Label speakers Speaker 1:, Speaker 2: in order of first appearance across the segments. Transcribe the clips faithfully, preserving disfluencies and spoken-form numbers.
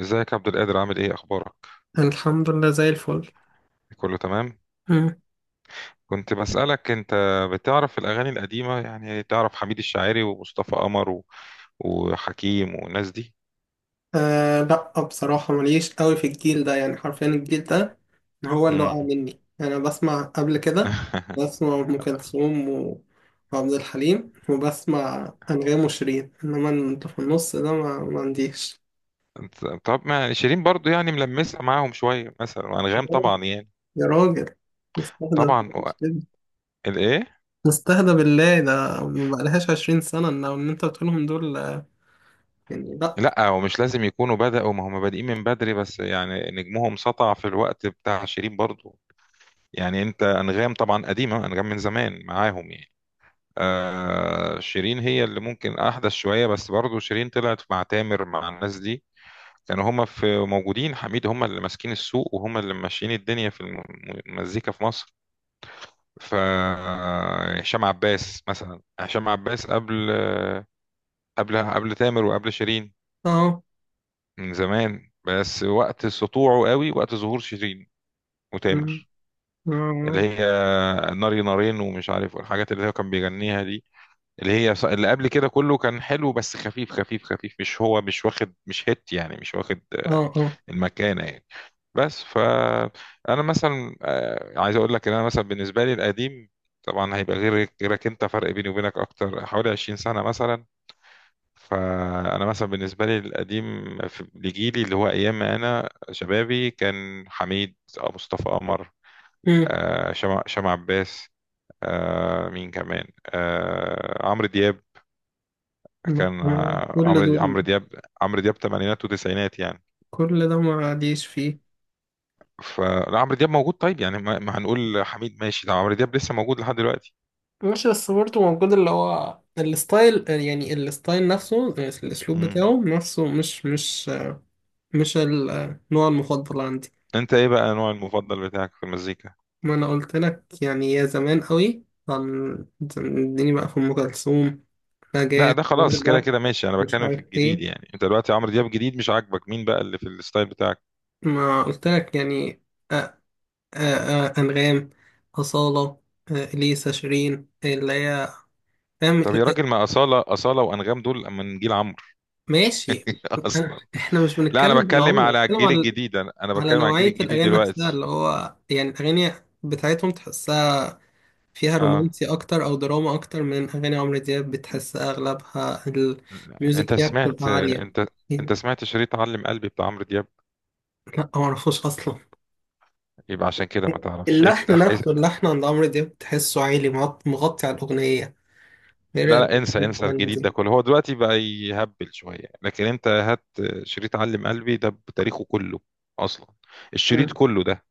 Speaker 1: ازيك يا عبد القادر؟ عامل ايه اخبارك؟
Speaker 2: الحمد لله زي الفل.
Speaker 1: كله تمام؟
Speaker 2: مم.
Speaker 1: كنت بسألك، انت بتعرف الاغاني القديمة؟ يعني تعرف حميد الشاعري ومصطفى قمر و... وحكيم والناس دي؟
Speaker 2: آه لا، بصراحة ماليش قوي في الجيل ده، يعني حرفيا الجيل ده هو اللي وقع
Speaker 1: مم.
Speaker 2: مني. أنا بسمع قبل كده، بسمع أم كلثوم و- وعبد الحليم، وبسمع أنغام وشيرين، إنما أنت في النص ده ما, ما عنديش.
Speaker 1: طب ما شيرين برضو، يعني ملمسة معاهم شوية مثلا، وانغام طبعا يعني.
Speaker 2: يا راجل، مستهدى
Speaker 1: طبعا. و-
Speaker 2: بالله
Speaker 1: الايه؟
Speaker 2: مستهدى بالله ده ما بقالهاش عشرين سنة. إن إن أنت بتقولهم دول، آه، يعني لا.
Speaker 1: لا، ومش لازم يكونوا بدأوا، ما هم بادئين من بدري، بس يعني نجمهم سطع في الوقت بتاع شيرين برضو. يعني انت، انغام طبعا قديمة، انغام من زمان معاهم يعني. آه شيرين هي اللي ممكن احدث شويه، بس برضو شيرين طلعت مع تامر، مع الناس دي. كانوا هما في، موجودين حميد، هما اللي ماسكين السوق، وهما اللي ماشيين الدنيا في الم- المزيكا في مصر. ف آه، هشام عباس مثلا، هشام عباس قبل قبل قبل تامر وقبل شيرين.
Speaker 2: اه.
Speaker 1: من زمان، بس وقت سطوعه قوي وقت ظهور شيرين
Speaker 2: مم.
Speaker 1: وتامر. اللي
Speaker 2: اه
Speaker 1: هي ناري نارين ومش عارف، والحاجات اللي هو كان بيغنيها دي. اللي هي ص- اللي قبل كده كله كان حلو، بس خفيف خفيف خفيف، مش هو مش واخد، مش هيت يعني، مش واخد آه،
Speaker 2: اه اه.
Speaker 1: المكانة يعني. بس ف، انا مثلا آه، عايز اقول لك ان انا مثلا بالنسبة لي القديم، طبعا هيبقى غير غيرك، انت فرق بيني وبينك اكتر حوالي 20 سنة مثلا. فانا مثلا بالنسبة لي القديم في- لجيلي، اللي هو ايام ما انا شبابي، كان حميد، آه، مصطفى قمر،
Speaker 2: آه.
Speaker 1: آه، شمع شمع عباس، آه، مين كمان، آه، عمرو دياب.
Speaker 2: ما-
Speaker 1: كان
Speaker 2: ما-
Speaker 1: آه،
Speaker 2: كل
Speaker 1: عمرو
Speaker 2: دول،
Speaker 1: عمرو دياب، عمرو دياب تمانينات وتسعينات يعني.
Speaker 2: كل ده ما عاديش فيه.
Speaker 1: فلا، عمرو دياب موجود، طيب يعني ما ما هنقول حميد ماشي، ده عمرو دياب لسه موجود لحد دلوقتي.
Speaker 2: ماشي، بس برضه موجود، اللي هو الستايل، يعني الستايل نفسه، الأسلوب
Speaker 1: مم.
Speaker 2: بتاعه نفسه مش مش مش النوع المفضل عندي.
Speaker 1: انت ايه بقى نوع المفضل بتاعك في المزيكا؟
Speaker 2: ما أنا قلت لك، يعني يا زمان قوي كان اديني بقى في أم كلثوم،
Speaker 1: لا
Speaker 2: نجاة،
Speaker 1: ده خلاص، كده
Speaker 2: وردة.
Speaker 1: كده ماشي، انا
Speaker 2: مش
Speaker 1: بتكلم في
Speaker 2: عارف
Speaker 1: الجديد،
Speaker 2: إيه.
Speaker 1: يعني انت دلوقتي عمرو دياب جديد مش عاجبك، مين بقى اللي في الستايل بتاعك؟
Speaker 2: ما قلت لك يعني. أ- أ- أ- أنغام، أصالة، أ- إليسا، شيرين، اللي هي، فاهم.
Speaker 1: طب يا راجل، ما أصالة، أصالة وأنغام دول من جيل عمرو.
Speaker 2: ماشي.
Speaker 1: أصلا.
Speaker 2: احنا مش
Speaker 1: لا، أنا
Speaker 2: بنتكلم
Speaker 1: بتكلم
Speaker 2: بالعمر،
Speaker 1: على
Speaker 2: بنتكلم
Speaker 1: الجيل
Speaker 2: على
Speaker 1: الجديد، أنا أنا
Speaker 2: على
Speaker 1: بتكلم على الجيل
Speaker 2: نوعية
Speaker 1: الجديد
Speaker 2: الأغاني نفسها،
Speaker 1: دلوقتي.
Speaker 2: اللي هو يعني الأغاني بتاعتهم تحسها فيها
Speaker 1: أه.
Speaker 2: رومانسي أكتر أو دراما أكتر من أغاني عمرو دياب. بتحسها أغلبها الميوزك
Speaker 1: أنت
Speaker 2: فيها بتبقى
Speaker 1: سمعت
Speaker 2: عالية
Speaker 1: أنت أنت
Speaker 2: يعني.
Speaker 1: سمعت شريط علم قلبي بتاع عمرو دياب؟
Speaker 2: لا، معرفوش أصلا.
Speaker 1: يبقى عشان كده ما تعرفش،
Speaker 2: اللحن
Speaker 1: افتح اس-
Speaker 2: نفسه، اللحن عند عمرو دياب تحسه عالي، مغط- مغطي على الأغنية، غير
Speaker 1: لا لا،
Speaker 2: الأغنية
Speaker 1: انسى انسى
Speaker 2: التانية
Speaker 1: الجديد ده
Speaker 2: دي.
Speaker 1: كله، هو دلوقتي بقى يهبل شوية، لكن انت هات شريط علم قلبي ده بتاريخه كله، اصلا، الشريط كله ده،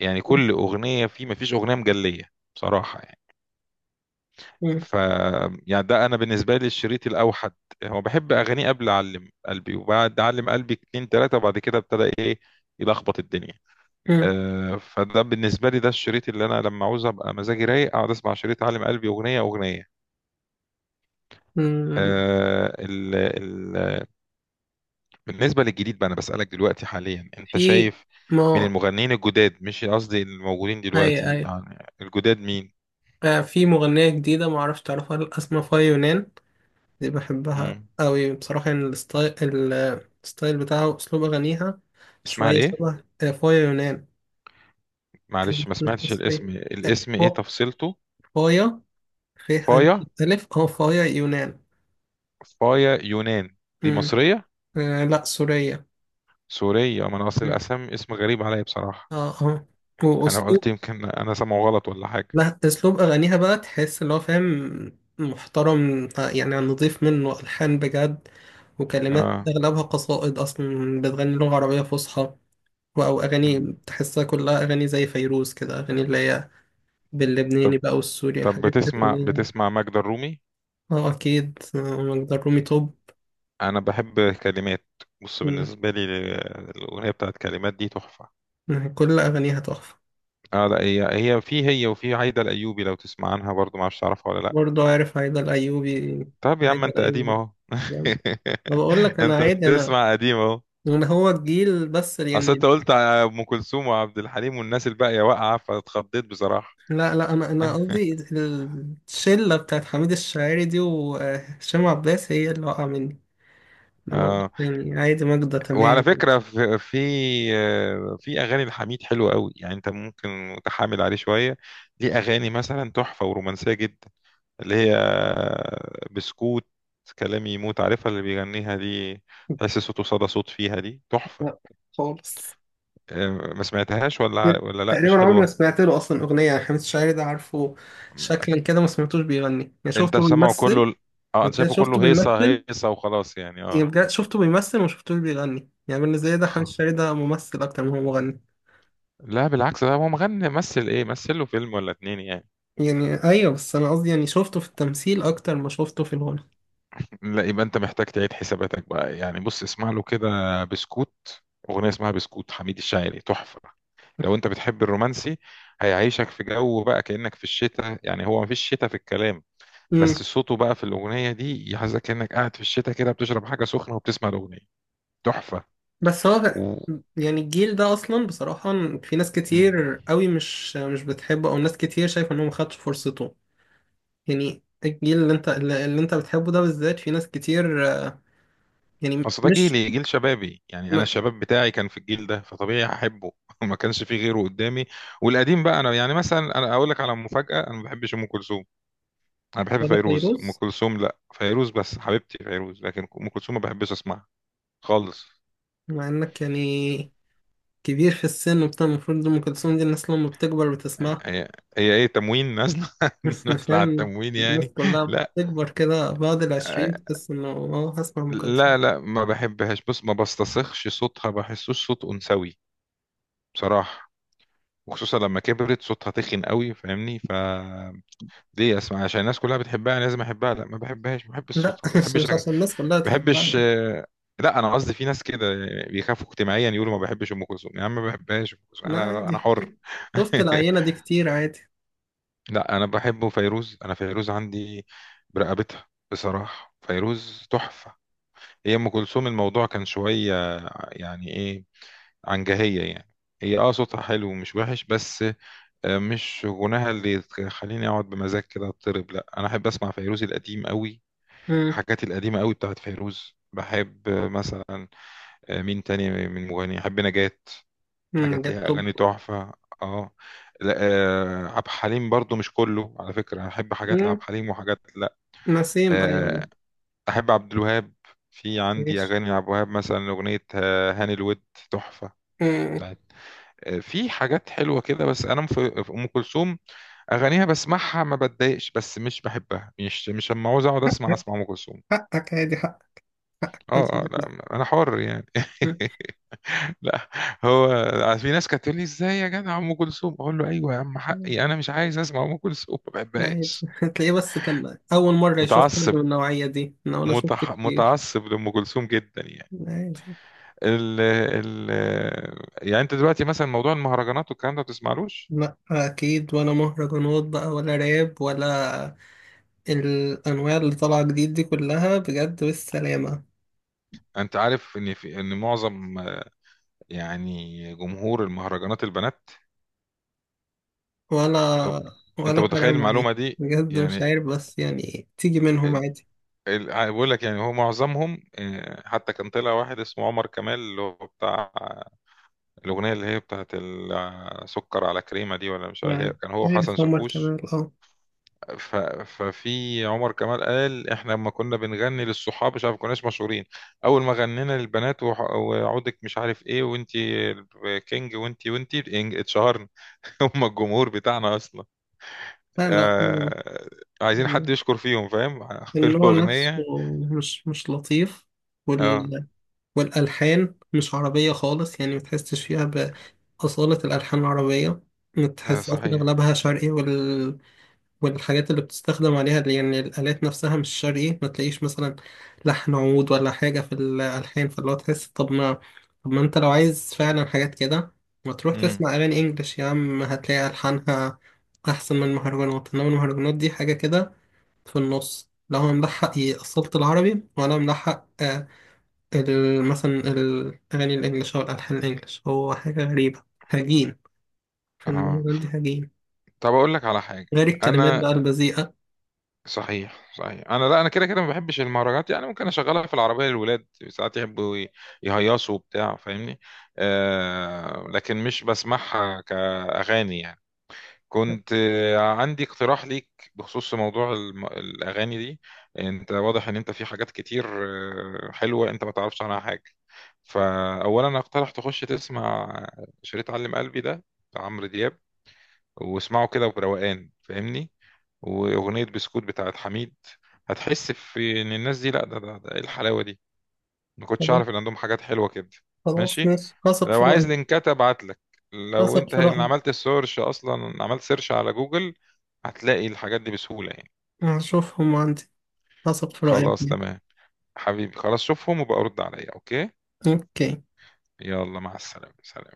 Speaker 1: يعني كل اغنية فيه، ما فيش اغنية مجلية، بصراحة يعني.
Speaker 2: مم. مم.
Speaker 1: ف، يعني ده انا بالنسبة لي الشريط الاوحد. هو بحب اغانيه قبل علم قلبي وبعد علم قلبي اتنين تلاتة، وبعد كده ابتدى ايه يلخبط الدنيا.
Speaker 2: مم.
Speaker 1: آه، فده بالنسبة لي ده الشريط اللي انا لما عاوز ابقى مزاجي رايق اقعد اسمع شريط علم قلبي اغنية اغنية.
Speaker 2: مم.
Speaker 1: آه، ال ال بالنسبة للجديد بقى، أنا بسألك دلوقتي حاليا، أنت
Speaker 2: في.
Speaker 1: شايف من
Speaker 2: ما.
Speaker 1: المغنيين الجداد، مش قصدي الموجودين
Speaker 2: أي
Speaker 1: دلوقتي،
Speaker 2: أي.
Speaker 1: يعني الجداد، مين؟
Speaker 2: آه، في مغنية جديدة معرفش تعرفها ولا لأ، اسمها فاي يونان. دي بحبها
Speaker 1: مم.
Speaker 2: أوي، بصراحة يعني الستايل، ال- الستايل بتاعها وأسلوب أغانيها
Speaker 1: اسمها
Speaker 2: شوية
Speaker 1: إيه؟
Speaker 2: شبه آه، فايا يونان.
Speaker 1: معلش ما
Speaker 2: مش
Speaker 1: سمعتش
Speaker 2: مصرية.
Speaker 1: الاسم الاسم إيه
Speaker 2: فا-
Speaker 1: تفصيلته؟
Speaker 2: فايا. فيه ألف،
Speaker 1: فايا.
Speaker 2: ألف. أه فايا يونان.
Speaker 1: فايا يونان. دي
Speaker 2: مم.
Speaker 1: مصرية؟
Speaker 2: آه لأ، سورية.
Speaker 1: سورية، ما أنا أصل
Speaker 2: مم.
Speaker 1: الأسم، اسم غريب عليا بصراحة.
Speaker 2: أه أه
Speaker 1: أنا
Speaker 2: وأسلوب.
Speaker 1: قلت يمكن أنا سامعه غلط ولا حاجة.
Speaker 2: لا، أسلوب أغانيها بقى تحس اللي هو فاهم، محترم، آه، يعني نضيف، منه ألحان بجد وكلمات
Speaker 1: آه.
Speaker 2: أغلبها قصائد، أصلا بتغني لغة عربية فصحى. او
Speaker 1: مم.
Speaker 2: اغاني تحسها كلها اغاني زي فيروز كده، اغاني اللي هي
Speaker 1: طب
Speaker 2: باللبناني بقى والسوري،
Speaker 1: طب
Speaker 2: الحاجات دي
Speaker 1: بتسمع
Speaker 2: اللي هي.
Speaker 1: بتسمع ماجدة الرومي؟
Speaker 2: اه اكيد، آه، مقدار رومي توب.
Speaker 1: انا بحب كلمات، بص،
Speaker 2: مم.
Speaker 1: بالنسبه لي ال- الاغنيه بتاعت كلمات دي تحفه.
Speaker 2: كل اغانيها تحفه.
Speaker 1: اه لا، هي، هي في، هي وفي عايده الايوبي، لو تسمع عنها برضو، ما اعرفش تعرفها ولا لا.
Speaker 2: برضه عارف عايدة الايوبي.
Speaker 1: طب يا عم،
Speaker 2: عايدة
Speaker 1: انت قديم
Speaker 2: الايوبي
Speaker 1: اهو،
Speaker 2: جامد. انا بقول لك، انا
Speaker 1: انت
Speaker 2: عادي، انا
Speaker 1: بتسمع قديم اهو.
Speaker 2: انا هو الجيل بس
Speaker 1: اصل انت
Speaker 2: يعني.
Speaker 1: قلت على ام كلثوم وعبد الحليم والناس الباقيه واقعه، فاتخضيت بصراحه.
Speaker 2: لا لا، انا انا قصدي الشله بتاعت حميد الشاعري دي وهشام عباس، هي اللي وقع مني، انما
Speaker 1: اه.
Speaker 2: ده يعني عادي. ماجدة
Speaker 1: وعلى
Speaker 2: تمام.
Speaker 1: فكره، في في آه، في اغاني لحميد حلوه قوي، يعني انت ممكن متحامل عليه شويه. ليه اغاني مثلا تحفه ورومانسيه جدا، اللي هي، بسكوت، كلامي يموت، عارفها اللي بيغنيها دي؟ تحس صوته صدى صوت فيها، دي
Speaker 2: لا،
Speaker 1: تحفة.
Speaker 2: خالص.
Speaker 1: آه، ما سمعتهاش، ولا ولا لا
Speaker 2: تقريبا
Speaker 1: مش
Speaker 2: عمري ما
Speaker 1: حلوة؟
Speaker 2: سمعت له اصلا اغنيه، يعني حميد الشاعري ده عارفه شكلا كده، ما سمعتوش بيغني، يعني
Speaker 1: انت
Speaker 2: شفته
Speaker 1: سامعه كله
Speaker 2: بيمثل
Speaker 1: ال- اه، انا
Speaker 2: وكده،
Speaker 1: شايفه
Speaker 2: شفته
Speaker 1: كله هيصة،
Speaker 2: بيمثل
Speaker 1: هيصة وخلاص يعني،
Speaker 2: يعني.
Speaker 1: اه.
Speaker 2: بجد شفته بيمثل وما شفتوش بيغني، يعني بالنسبه لي ده حميد
Speaker 1: خ-
Speaker 2: الشاعري ده ممثل اكتر ما هو مغني.
Speaker 1: لا بالعكس، ده هو مغني، مثل ايه؟ مثل له فيلم ولا اتنين يعني.
Speaker 2: يعني ايوه، بس انا قصدي يعني شفته في التمثيل اكتر ما شفته في الغنى.
Speaker 1: لا، يبقى انت محتاج تعيد حساباتك بقى، يعني بص اسمع له كده، بسكوت، اغنية اسمها بسكوت، حميد الشاعري، تحفة. لو انت بتحب الرومانسي، هيعيشك في جو بقى كأنك في الشتاء، يعني هو مفيش شتاء في الكلام،
Speaker 2: امم
Speaker 1: بس صوته بقى في الأغنية دي يحسسك كأنك قاعد في الشتاء كده، بتشرب حاجة سخنة وبتسمع الأغنية، تحفة.
Speaker 2: بس هو
Speaker 1: و...
Speaker 2: يعني الجيل ده اصلا بصراحه في ناس
Speaker 1: مم.
Speaker 2: كتير قوي مش مش بتحبه، او ناس كتير شايفه انه ما خدش فرصته، يعني الجيل اللي انت اللي انت بتحبه ده بالذات في ناس كتير يعني.
Speaker 1: اصل ده
Speaker 2: مش.
Speaker 1: جيلي، جيل شبابي، يعني انا
Speaker 2: ما-
Speaker 1: الشباب بتاعي كان في الجيل ده، فطبيعي هحبه. ما كانش فيه غيره قدامي. والقديم بقى، انا يعني مثلا، انا اقول لك على مفاجأة، انا ما بحبش ام كلثوم. انا بحب
Speaker 2: ولا
Speaker 1: فيروز، ام
Speaker 2: فيروز.
Speaker 1: كلثوم لا، فيروز بس حبيبتي فيروز، لكن ام كلثوم ما بحبش اسمعها خالص.
Speaker 2: مع انك يعني كبير في السن وبتاع، المفروض ام كلثوم دي الناس لما بتكبر بتسمعها.
Speaker 1: هي، هي ايه، تموين نازله؟ نازله على
Speaker 2: فاهم،
Speaker 1: التموين
Speaker 2: الناس
Speaker 1: يعني.
Speaker 2: كلها
Speaker 1: لا
Speaker 2: بتكبر كده بعد العشرين تحس انه اه هسمع ام كلثوم.
Speaker 1: لا لا، ما بحبهاش، بص ما بستصخش صوتها، بحسوش صوت انثوي بصراحه. وخصوصا لما كبرت صوتها تخن قوي، فاهمني؟ فليه اسمع عشان الناس كلها بتحبها لازم احبها؟ لا، ما بحبهاش، ما بحبش
Speaker 2: لا.
Speaker 1: صوتها، ما
Speaker 2: مش
Speaker 1: بحبش
Speaker 2: مش
Speaker 1: ما
Speaker 2: عشان الناس كلها
Speaker 1: بحبش
Speaker 2: تحبها.
Speaker 1: آه، لا انا قصدي، في ناس كده بيخافوا اجتماعيا يقولوا ما بحبش ام كلثوم، يا عم ما بحبهاش ام كلثوم،
Speaker 2: لا
Speaker 1: انا
Speaker 2: عادي.
Speaker 1: انا حر.
Speaker 2: شفت، شفت العينة دي كتير، عادي.
Speaker 1: لا، انا بحبه فيروز، انا فيروز عندي برقبتها بصراحه، فيروز تحفه. هي ام كلثوم الموضوع كان شويه، يعني ايه، عنجهيه يعني. هي اه، صوتها حلو ومش وحش، بس آه، مش غناها اللي تخليني اقعد بمزاج كده اضطرب، لا انا احب اسمع فيروز القديم قوي.
Speaker 2: امم
Speaker 1: الحاجات القديمه قوي بتاعت فيروز بحب، آه، مثلا، آه، مين تاني من مغني؟ احب نجاة،
Speaker 2: أمم،
Speaker 1: حاجات
Speaker 2: جت
Speaker 1: ليها
Speaker 2: طب.
Speaker 1: اغاني تحفه. اه. لا آه عبد الحليم برضو مش كله، على فكره، انا احب حاجات لعبد
Speaker 2: أمم،
Speaker 1: الحليم وحاجات لا.
Speaker 2: نسيم ايوه.
Speaker 1: آه احب عبد الوهاب، في عندي
Speaker 2: ماشي.
Speaker 1: اغاني عبد الوهاب، مثلا اغنيه آه، هاني الود، تحفه،
Speaker 2: أمم،
Speaker 1: بتاعت، آه في حاجات حلوه كده، بس انا في في ام كلثوم اغانيها بسمعها ما بتضايقش، بس مش بحبها، مش مش لما عاوز اقعد اسمع اسمع ام كلثوم.
Speaker 2: حقك عادي، حقك، حقك
Speaker 1: اه
Speaker 2: محدش يقول
Speaker 1: اه،
Speaker 2: لك لا.
Speaker 1: لا انا حر يعني. لا، هو في ناس كانت تقول لي، ازاي يا جدع ام كلثوم؟ اقول له، ايوه يا عم،
Speaker 2: أمم.
Speaker 1: حقي، انا مش عايز اسمع ام كلثوم، ما
Speaker 2: لا عادي.
Speaker 1: بحبهاش.
Speaker 2: هتلاقيه، بس كان أول مرة يشوف حد
Speaker 1: متعصب،
Speaker 2: من النوعية دي، أنا وأنا شفت
Speaker 1: متح...
Speaker 2: كتير.
Speaker 1: متعصب لام كلثوم جدا يعني.
Speaker 2: لا عادي.
Speaker 1: ال... ال... يعني انت دلوقتي مثلا، موضوع المهرجانات والكلام ده ما بتسمعلوش؟
Speaker 2: لا أكيد، ولا مهرجانات بقى ولا راب ولا الأنواع اللي طالعة جديد دي كلها، بجد بالسلامة.
Speaker 1: انت عارف ان، في ان معظم، يعني جمهور المهرجانات البنات.
Speaker 2: ولا.
Speaker 1: طب، انت
Speaker 2: ولا فارقة
Speaker 1: متخيل المعلومه
Speaker 2: معايا
Speaker 1: دي؟
Speaker 2: بجد، مش
Speaker 1: يعني،
Speaker 2: عارف، بس يعني تيجي منهم
Speaker 1: ال...
Speaker 2: عادي.
Speaker 1: ال... بقول لك، يعني هو معظمهم، آه، حتى كان طلع واحد اسمه عمر كمال، اللي هو بتاع الأغنية اللي هي بتاعت ال- سكر على كريمة دي، ولا مش عارف، هي- كان هو وحسن
Speaker 2: عارف عمر
Speaker 1: شاكوش.
Speaker 2: كمال، اه.
Speaker 1: ف... ففي عمر كمال قال، احنا لما كنا بنغني للصحاب مش عارف، كناش مشهورين. أول ما غنينا للبنات، وح... وعودك مش عارف ايه، وانتي كينج، وانتي وانتي، إن- اتشهرنا. هم الجمهور بتاعنا أصلا،
Speaker 2: لا لا، م-
Speaker 1: آه... عايزين
Speaker 2: م-
Speaker 1: حد يشكر فيهم، فاهم؟
Speaker 2: النوع نفسه
Speaker 1: الأغنية.
Speaker 2: مش مش لطيف.
Speaker 1: اه،
Speaker 2: وال والألحان مش عربية خالص، يعني متحسش فيها بأصالة الألحان العربية.
Speaker 1: آه
Speaker 2: تحس أصلا
Speaker 1: صحيح.
Speaker 2: أغلبها شرقي، وال... والحاجات اللي بتستخدم عليها دي، يعني الآلات نفسها مش شرقي. ما تلاقيش مثلا لحن عود ولا حاجة في الألحان، فاللي هو تحس. طب ما طب ما أنت لو عايز فعلا حاجات كده، ما تروح
Speaker 1: مم.
Speaker 2: تسمع أغاني إنجلش يا عم، هتلاقي ألحانها أحسن من المهرجانات، إنما المهرجانات دي حاجة كده في النص، لا هو ملحق يأصلت العربي ولا ملحق، آه، ال- مثلا الأغاني الإنجليش أو الألحان الإنجليش، هو حاجة غريبة، هجين. في
Speaker 1: اه،
Speaker 2: المهرجان دي هجين،
Speaker 1: طب، أقول لك على حاجة.
Speaker 2: غير الكلمات
Speaker 1: أنا،
Speaker 2: بقى البذيئة.
Speaker 1: صحيح صحيح، انا لا، انا كده كده ما بحبش المهرجانات، يعني ممكن اشغلها في العربيه للولاد، ساعات يحبوا ي- يهيصوا وبتاع، فاهمني؟ آه لكن مش بسمعها كاغاني يعني. كنت آه، عندي اقتراح ليك، بخصوص موضوع الم... الاغاني دي. انت واضح ان انت في حاجات كتير، آه، حلوه انت ما تعرفش عنها حاجه، فاولا اقترح تخش تسمع شريط علم قلبي ده، بتاع عمرو دياب، واسمعه كده بروقان، فاهمني؟ واغنيه بسكوت بتاعت حميد. هتحس في ان الناس دي، لا ده، ده, ده ايه الحلاوه دي، ما كنتش
Speaker 2: خلاص
Speaker 1: اعرف ان عندهم حاجات حلوه كده.
Speaker 2: خلاص،
Speaker 1: ماشي،
Speaker 2: ماشي، هثق
Speaker 1: لو
Speaker 2: في
Speaker 1: عايز
Speaker 2: رأيك.
Speaker 1: لينكات ابعت لك، لو
Speaker 2: هثق
Speaker 1: انت
Speaker 2: في
Speaker 1: اللي
Speaker 2: رأيك.
Speaker 1: عملت السيرش، اصلا عملت سيرش على جوجل هتلاقي الحاجات دي بسهوله يعني.
Speaker 2: هشوفهم عندي. هثق في
Speaker 1: خلاص
Speaker 2: رأيك.
Speaker 1: تمام. حبيبي خلاص، شوفهم وبقى رد عليا، اوكي؟
Speaker 2: أوكي.
Speaker 1: يلا، مع السلامه، سلام.